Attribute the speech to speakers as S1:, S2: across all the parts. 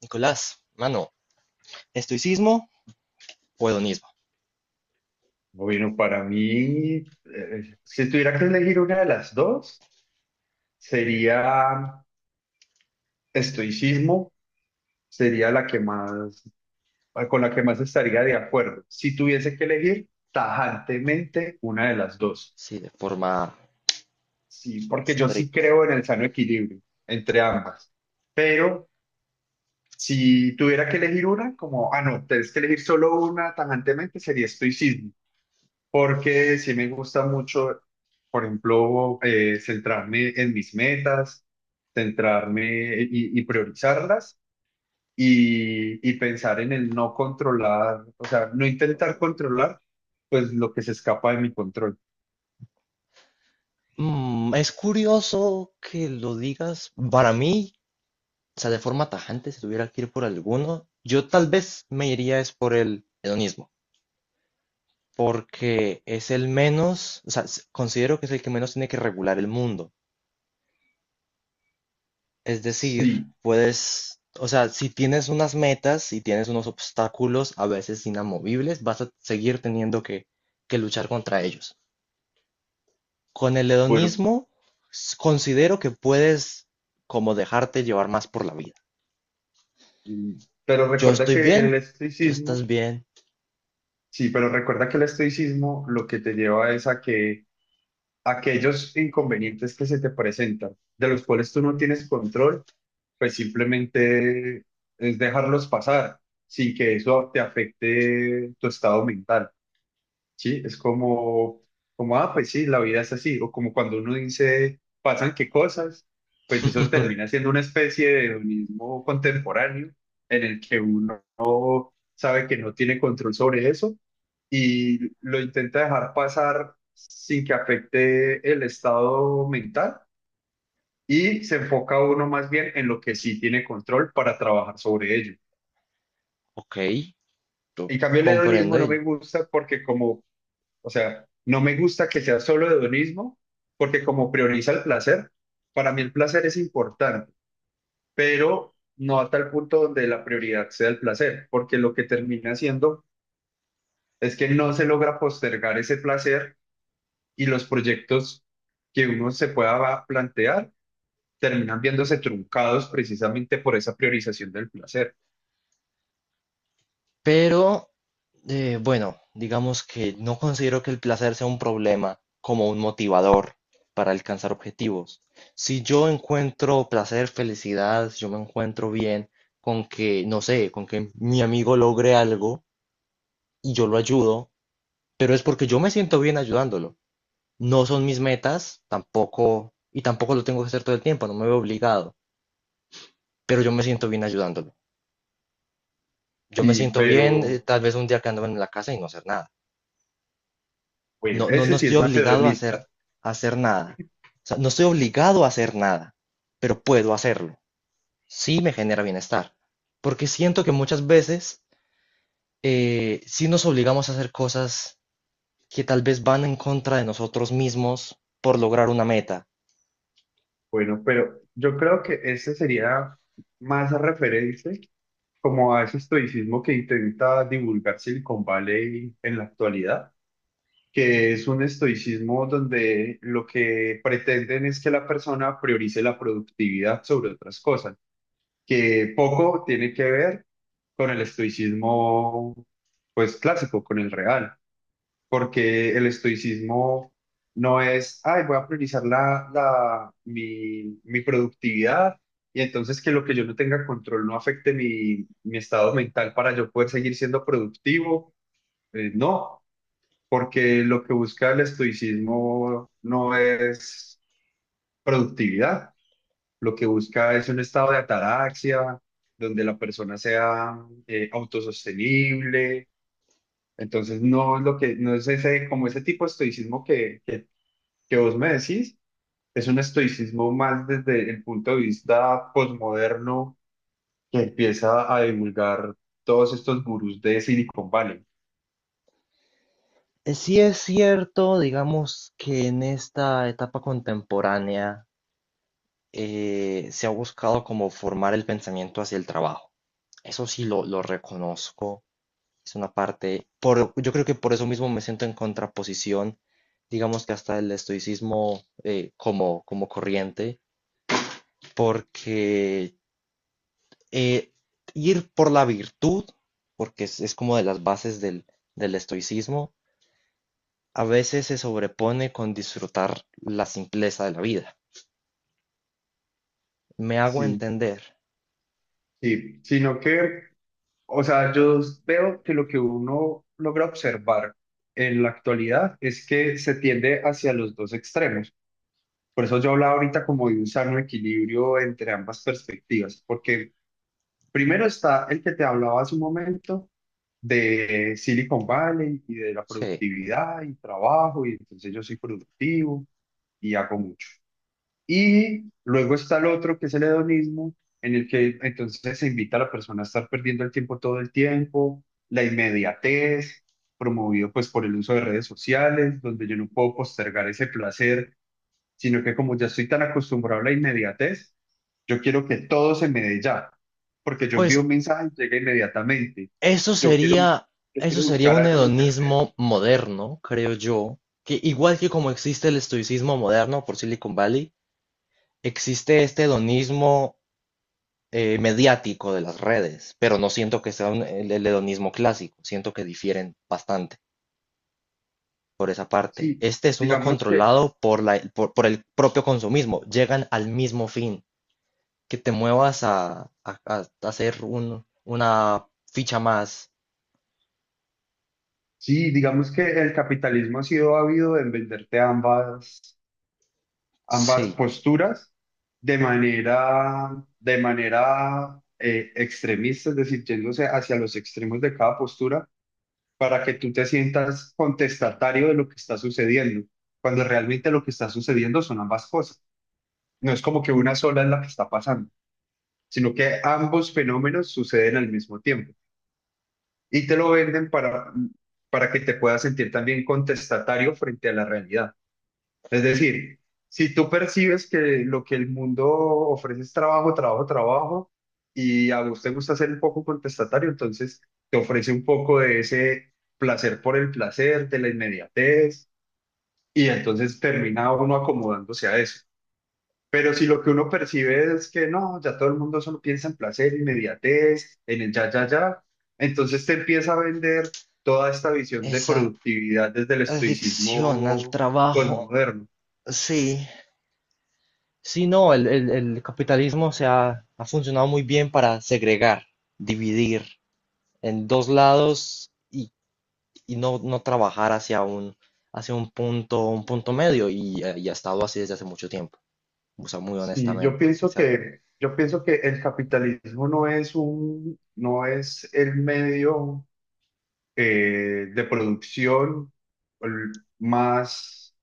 S1: Nicolás, mano, ¿estoicismo o hedonismo?
S2: No, bueno, para mí, si tuviera que elegir una de las dos, sería estoicismo, sería la que más, con la que más estaría de acuerdo. Si tuviese que elegir tajantemente una de las dos,
S1: Sí, de forma
S2: sí, porque yo sí
S1: estricta.
S2: creo en el sano equilibrio entre ambas. Pero si tuviera que elegir una, como, no, tienes que elegir solo una tajantemente, sería estoicismo. Porque sí me gusta mucho, por ejemplo, centrarme en mis metas, centrarme y priorizarlas y pensar en el no controlar, o sea, no intentar controlar, pues lo que se escapa de mi control.
S1: Mm, es curioso que lo digas. Para mí, o sea, de forma tajante, si tuviera que ir por alguno, yo tal vez me iría es por el hedonismo, porque es el menos, o sea, considero que es el que menos tiene que regular el mundo. Es decir,
S2: Sí,
S1: puedes, o sea, si tienes unas metas, si tienes unos obstáculos a veces inamovibles, vas a seguir teniendo que luchar contra ellos. Con el
S2: bueno,
S1: hedonismo considero que puedes como dejarte llevar más por la vida.
S2: mm, pero
S1: Yo
S2: recuerda
S1: estoy
S2: que
S1: bien,
S2: el
S1: tú
S2: estoicismo,
S1: estás bien.
S2: sí, pero recuerda que el estoicismo lo que te lleva es a que aquellos inconvenientes que se te presentan, de los cuales tú no tienes control, pues simplemente es dejarlos pasar sin que eso te afecte tu estado mental, ¿sí? Es como, como, pues sí, la vida es así, o como cuando uno dice, pasan qué cosas, pues eso termina siendo una especie de hedonismo contemporáneo en el que uno sabe que no tiene control sobre eso y lo intenta dejar pasar sin que afecte el estado mental y se enfoca uno más bien en lo que sí tiene control para trabajar sobre ello.
S1: Ok, yo
S2: En cambio, el
S1: comprendo
S2: hedonismo no me
S1: él.
S2: gusta porque como, o sea, no me gusta que sea solo hedonismo porque como prioriza el placer, para mí el placer es importante, pero no a tal punto donde la prioridad sea el placer, porque lo que termina siendo es que no se logra postergar ese placer y los proyectos que uno se pueda plantear terminan viéndose truncados precisamente por esa priorización del placer.
S1: Pero, bueno, digamos que no considero que el placer sea un problema como un motivador para alcanzar objetivos. Si yo encuentro placer, felicidad, si yo me encuentro bien con que, no sé, con que mi amigo logre algo y yo lo ayudo, pero es porque yo me siento bien ayudándolo. No son mis metas, tampoco, y tampoco lo tengo que hacer todo el tiempo, no me veo obligado, pero yo me siento bien ayudándolo. Yo me
S2: Sí,
S1: siento bien,
S2: pero
S1: tal vez un día quedándome en la casa y no hacer nada.
S2: bueno,
S1: No, no, no
S2: ese sí
S1: estoy
S2: es
S1: obligado
S2: macedonista.
S1: a hacer nada. O sea, no estoy obligado a hacer nada, pero puedo hacerlo. Sí me genera bienestar. Porque siento que muchas veces sí nos obligamos a hacer cosas que tal vez van en contra de nosotros mismos por lograr una meta.
S2: Bueno, pero yo creo que ese sería más referente como a ese estoicismo que intenta divulgar Silicon Valley en la actualidad, que es un estoicismo donde lo que pretenden es que la persona priorice la productividad sobre otras cosas, que poco tiene que ver con el estoicismo pues clásico, con el real porque el estoicismo no es, ay, voy a priorizar mi productividad y entonces que lo que yo no tenga control no afecte mi estado mental para yo poder seguir siendo productivo. No, porque lo que busca el estoicismo no es productividad, lo que busca es un estado de ataraxia, donde la persona sea autosostenible. Entonces, no es lo que, no es ese, como ese tipo de estoicismo que vos me decís es un estoicismo más desde el punto de vista posmoderno que empieza a divulgar todos estos gurús de Silicon Valley.
S1: Sí es cierto, digamos que en esta etapa contemporánea se ha buscado como formar el pensamiento hacia el trabajo. Eso sí lo reconozco. Es una parte, por, yo creo que por eso mismo me siento en contraposición, digamos que hasta el estoicismo, como corriente, porque eh, ir por la virtud, porque es como de las bases del estoicismo. A veces se sobrepone con disfrutar la simpleza de la vida. ¿Me hago
S2: Sí,
S1: entender?
S2: sí, sino que, o sea, yo veo que lo que uno logra observar en la actualidad es que se tiende hacia los dos extremos. Por eso yo hablaba ahorita como de un sano equilibrio entre ambas perspectivas, porque primero está el que te hablaba hace un momento de Silicon Valley y de la
S1: Sí.
S2: productividad y trabajo, y entonces yo soy productivo y hago mucho. Y luego está el otro que es el hedonismo, en el que entonces se invita a la persona a estar perdiendo el tiempo todo el tiempo, la inmediatez, promovido pues por el uso de redes sociales, donde yo no puedo postergar ese placer, sino que como ya estoy tan acostumbrado a la inmediatez, yo quiero que todo se me dé ya, porque yo envío un
S1: Pues
S2: mensaje y llega inmediatamente.
S1: eso
S2: Yo quiero,
S1: sería,
S2: yo
S1: eso
S2: quiero
S1: sería
S2: buscar
S1: un
S2: algo en internet.
S1: hedonismo moderno, creo yo, que igual que como existe el estoicismo moderno por Silicon Valley, existe este hedonismo mediático de las redes, pero no siento que sea el hedonismo clásico, siento que difieren bastante por esa parte.
S2: Sí,
S1: Este es uno
S2: digamos que,
S1: controlado por por el propio consumismo, llegan al mismo fin. Que te muevas a hacer una ficha más.
S2: sí, digamos que el capitalismo ha sido ávido en venderte ambas
S1: Sí,
S2: posturas de manera, de manera extremista, es decir, yéndose hacia los extremos de cada postura para que tú te sientas contestatario de lo que está sucediendo, cuando realmente lo que está sucediendo son ambas cosas. No es como que una sola es la que está pasando, sino que ambos fenómenos suceden al mismo tiempo y te lo venden para que te puedas sentir también contestatario frente a la realidad. Es decir, si tú percibes que lo que el mundo ofrece es trabajo, trabajo, trabajo, y a vos te gusta ser un poco contestatario, entonces te ofrece un poco de ese placer por el placer, de la inmediatez, y entonces termina uno acomodándose a eso. Pero si lo que uno percibe es que no, ya todo el mundo solo piensa en placer, inmediatez, en el ya, ya, ya, entonces te empieza a vender toda esta visión de
S1: esa
S2: productividad desde el
S1: adicción al
S2: estoicismo
S1: trabajo,
S2: posmoderno.
S1: sí. Sí, no, el capitalismo ha funcionado muy bien para segregar, dividir en dos lados y no, no trabajar hacia un punto medio y ha estado así desde hace mucho tiempo, o sea, muy
S2: Sí,
S1: honestamente. Sí, o sea,
S2: yo pienso que el capitalismo no es un, no es el medio de producción el más...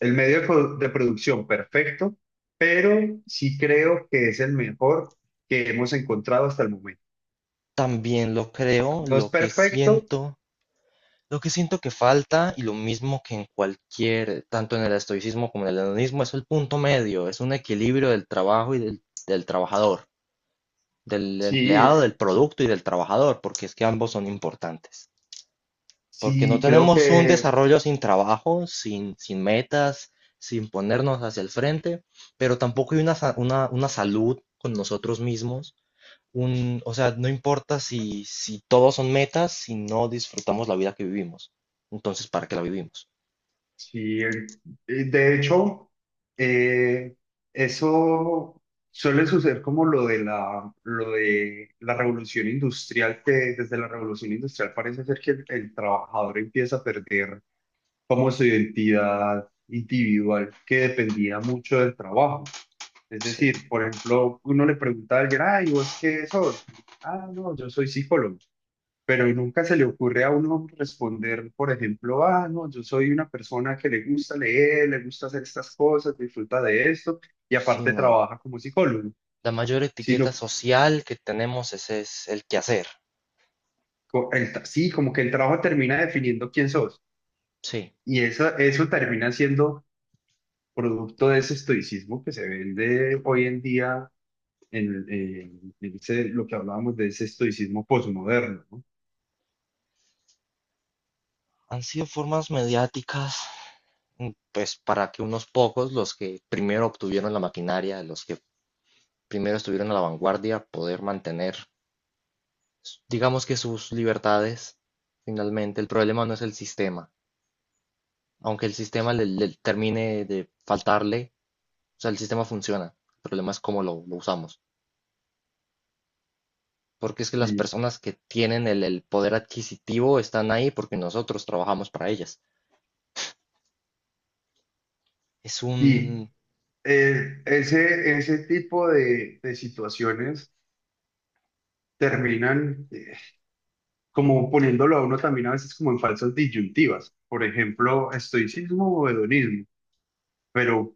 S2: El medio de de producción perfecto, pero sí creo que es el mejor que hemos encontrado hasta el momento.
S1: también lo creo.
S2: No es
S1: Lo que
S2: perfecto,
S1: siento, lo que siento que falta, y lo mismo que en cualquier, tanto en el estoicismo como en el hedonismo, es el punto medio, es un equilibrio del trabajo y del trabajador, del
S2: sí,
S1: empleado, del producto y del trabajador, porque es que ambos son importantes. Porque no
S2: sí, creo
S1: tenemos un
S2: que
S1: desarrollo sin trabajo, sin metas, sin ponernos hacia el frente, pero tampoco hay una salud con nosotros mismos. O sea, no importa si, si todos son metas, si no disfrutamos la vida que vivimos. Entonces, ¿para qué la vivimos?
S2: sí. De hecho, eh, eso suele suceder como lo de la revolución industrial, que desde la revolución industrial parece ser que el trabajador empieza a perder como su identidad individual que dependía mucho del trabajo. Es
S1: Sí,
S2: decir, por ejemplo, uno le pregunta a alguien, ay, ¿vos qué sos? Ah, no, yo soy psicólogo. Pero nunca se le ocurre a uno responder, por ejemplo, ah, no, yo soy una persona que le gusta leer, le gusta hacer estas cosas, disfruta de esto y
S1: sí,
S2: aparte
S1: no.
S2: trabaja como psicólogo.
S1: La mayor etiqueta
S2: Sino,
S1: social que tenemos es el quehacer.
S2: sí, como que el trabajo termina definiendo quién sos.
S1: Sí,
S2: Y eso termina siendo producto de ese estoicismo que se vende hoy en día en lo que hablábamos de ese estoicismo posmoderno, ¿no?
S1: han sido formas mediáticas, mm, pues para que unos pocos, los que primero obtuvieron la maquinaria, los que primero estuvieron a la vanguardia, poder mantener, digamos que sus libertades. Finalmente, el problema no es el sistema, aunque el sistema
S2: Sí.
S1: le termine de faltarle, o sea, el sistema funciona. El problema es cómo lo usamos. Porque es que las
S2: Sí
S1: personas que tienen el poder adquisitivo están ahí porque nosotros trabajamos para ellas. Es
S2: y,
S1: un,
S2: ese, ese tipo de situaciones terminan como poniéndolo a uno también a veces como en falsas disyuntivas. Por ejemplo, estoicismo o hedonismo. Pero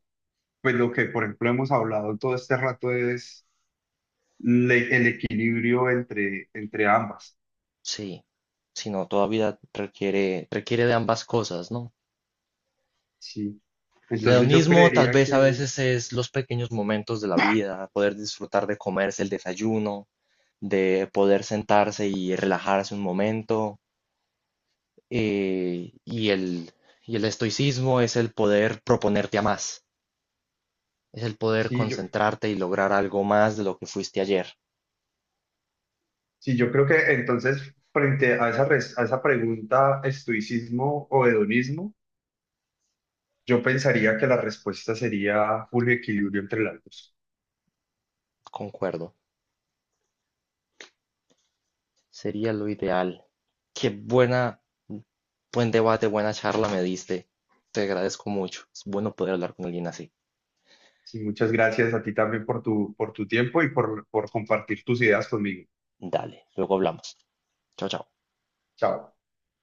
S2: pues lo que, por ejemplo, hemos hablado todo este rato es el equilibrio entre, entre ambas.
S1: sí, sino todavía requiere, requiere de ambas cosas, ¿no?
S2: Sí.
S1: El
S2: Entonces yo
S1: hedonismo tal
S2: creería
S1: vez a
S2: que,
S1: veces es los pequeños momentos de la vida, poder disfrutar de comerse el desayuno, de poder sentarse y relajarse un momento. eh, y, el, y el estoicismo es el poder proponerte a más, es el poder
S2: sí,
S1: concentrarte y lograr algo más de lo que fuiste ayer.
S2: sí, yo creo que entonces frente a esa, a esa pregunta, estoicismo o hedonismo, yo pensaría que la respuesta sería un equilibrio entre las dos.
S1: Concuerdo, sería lo ideal. Qué buena, buen debate, buena charla me diste. Te agradezco mucho. Es bueno poder hablar con alguien así.
S2: Sí, muchas gracias a ti también por tu tiempo y por compartir tus ideas conmigo.
S1: Dale, luego hablamos. Chao, chao.
S2: Chao.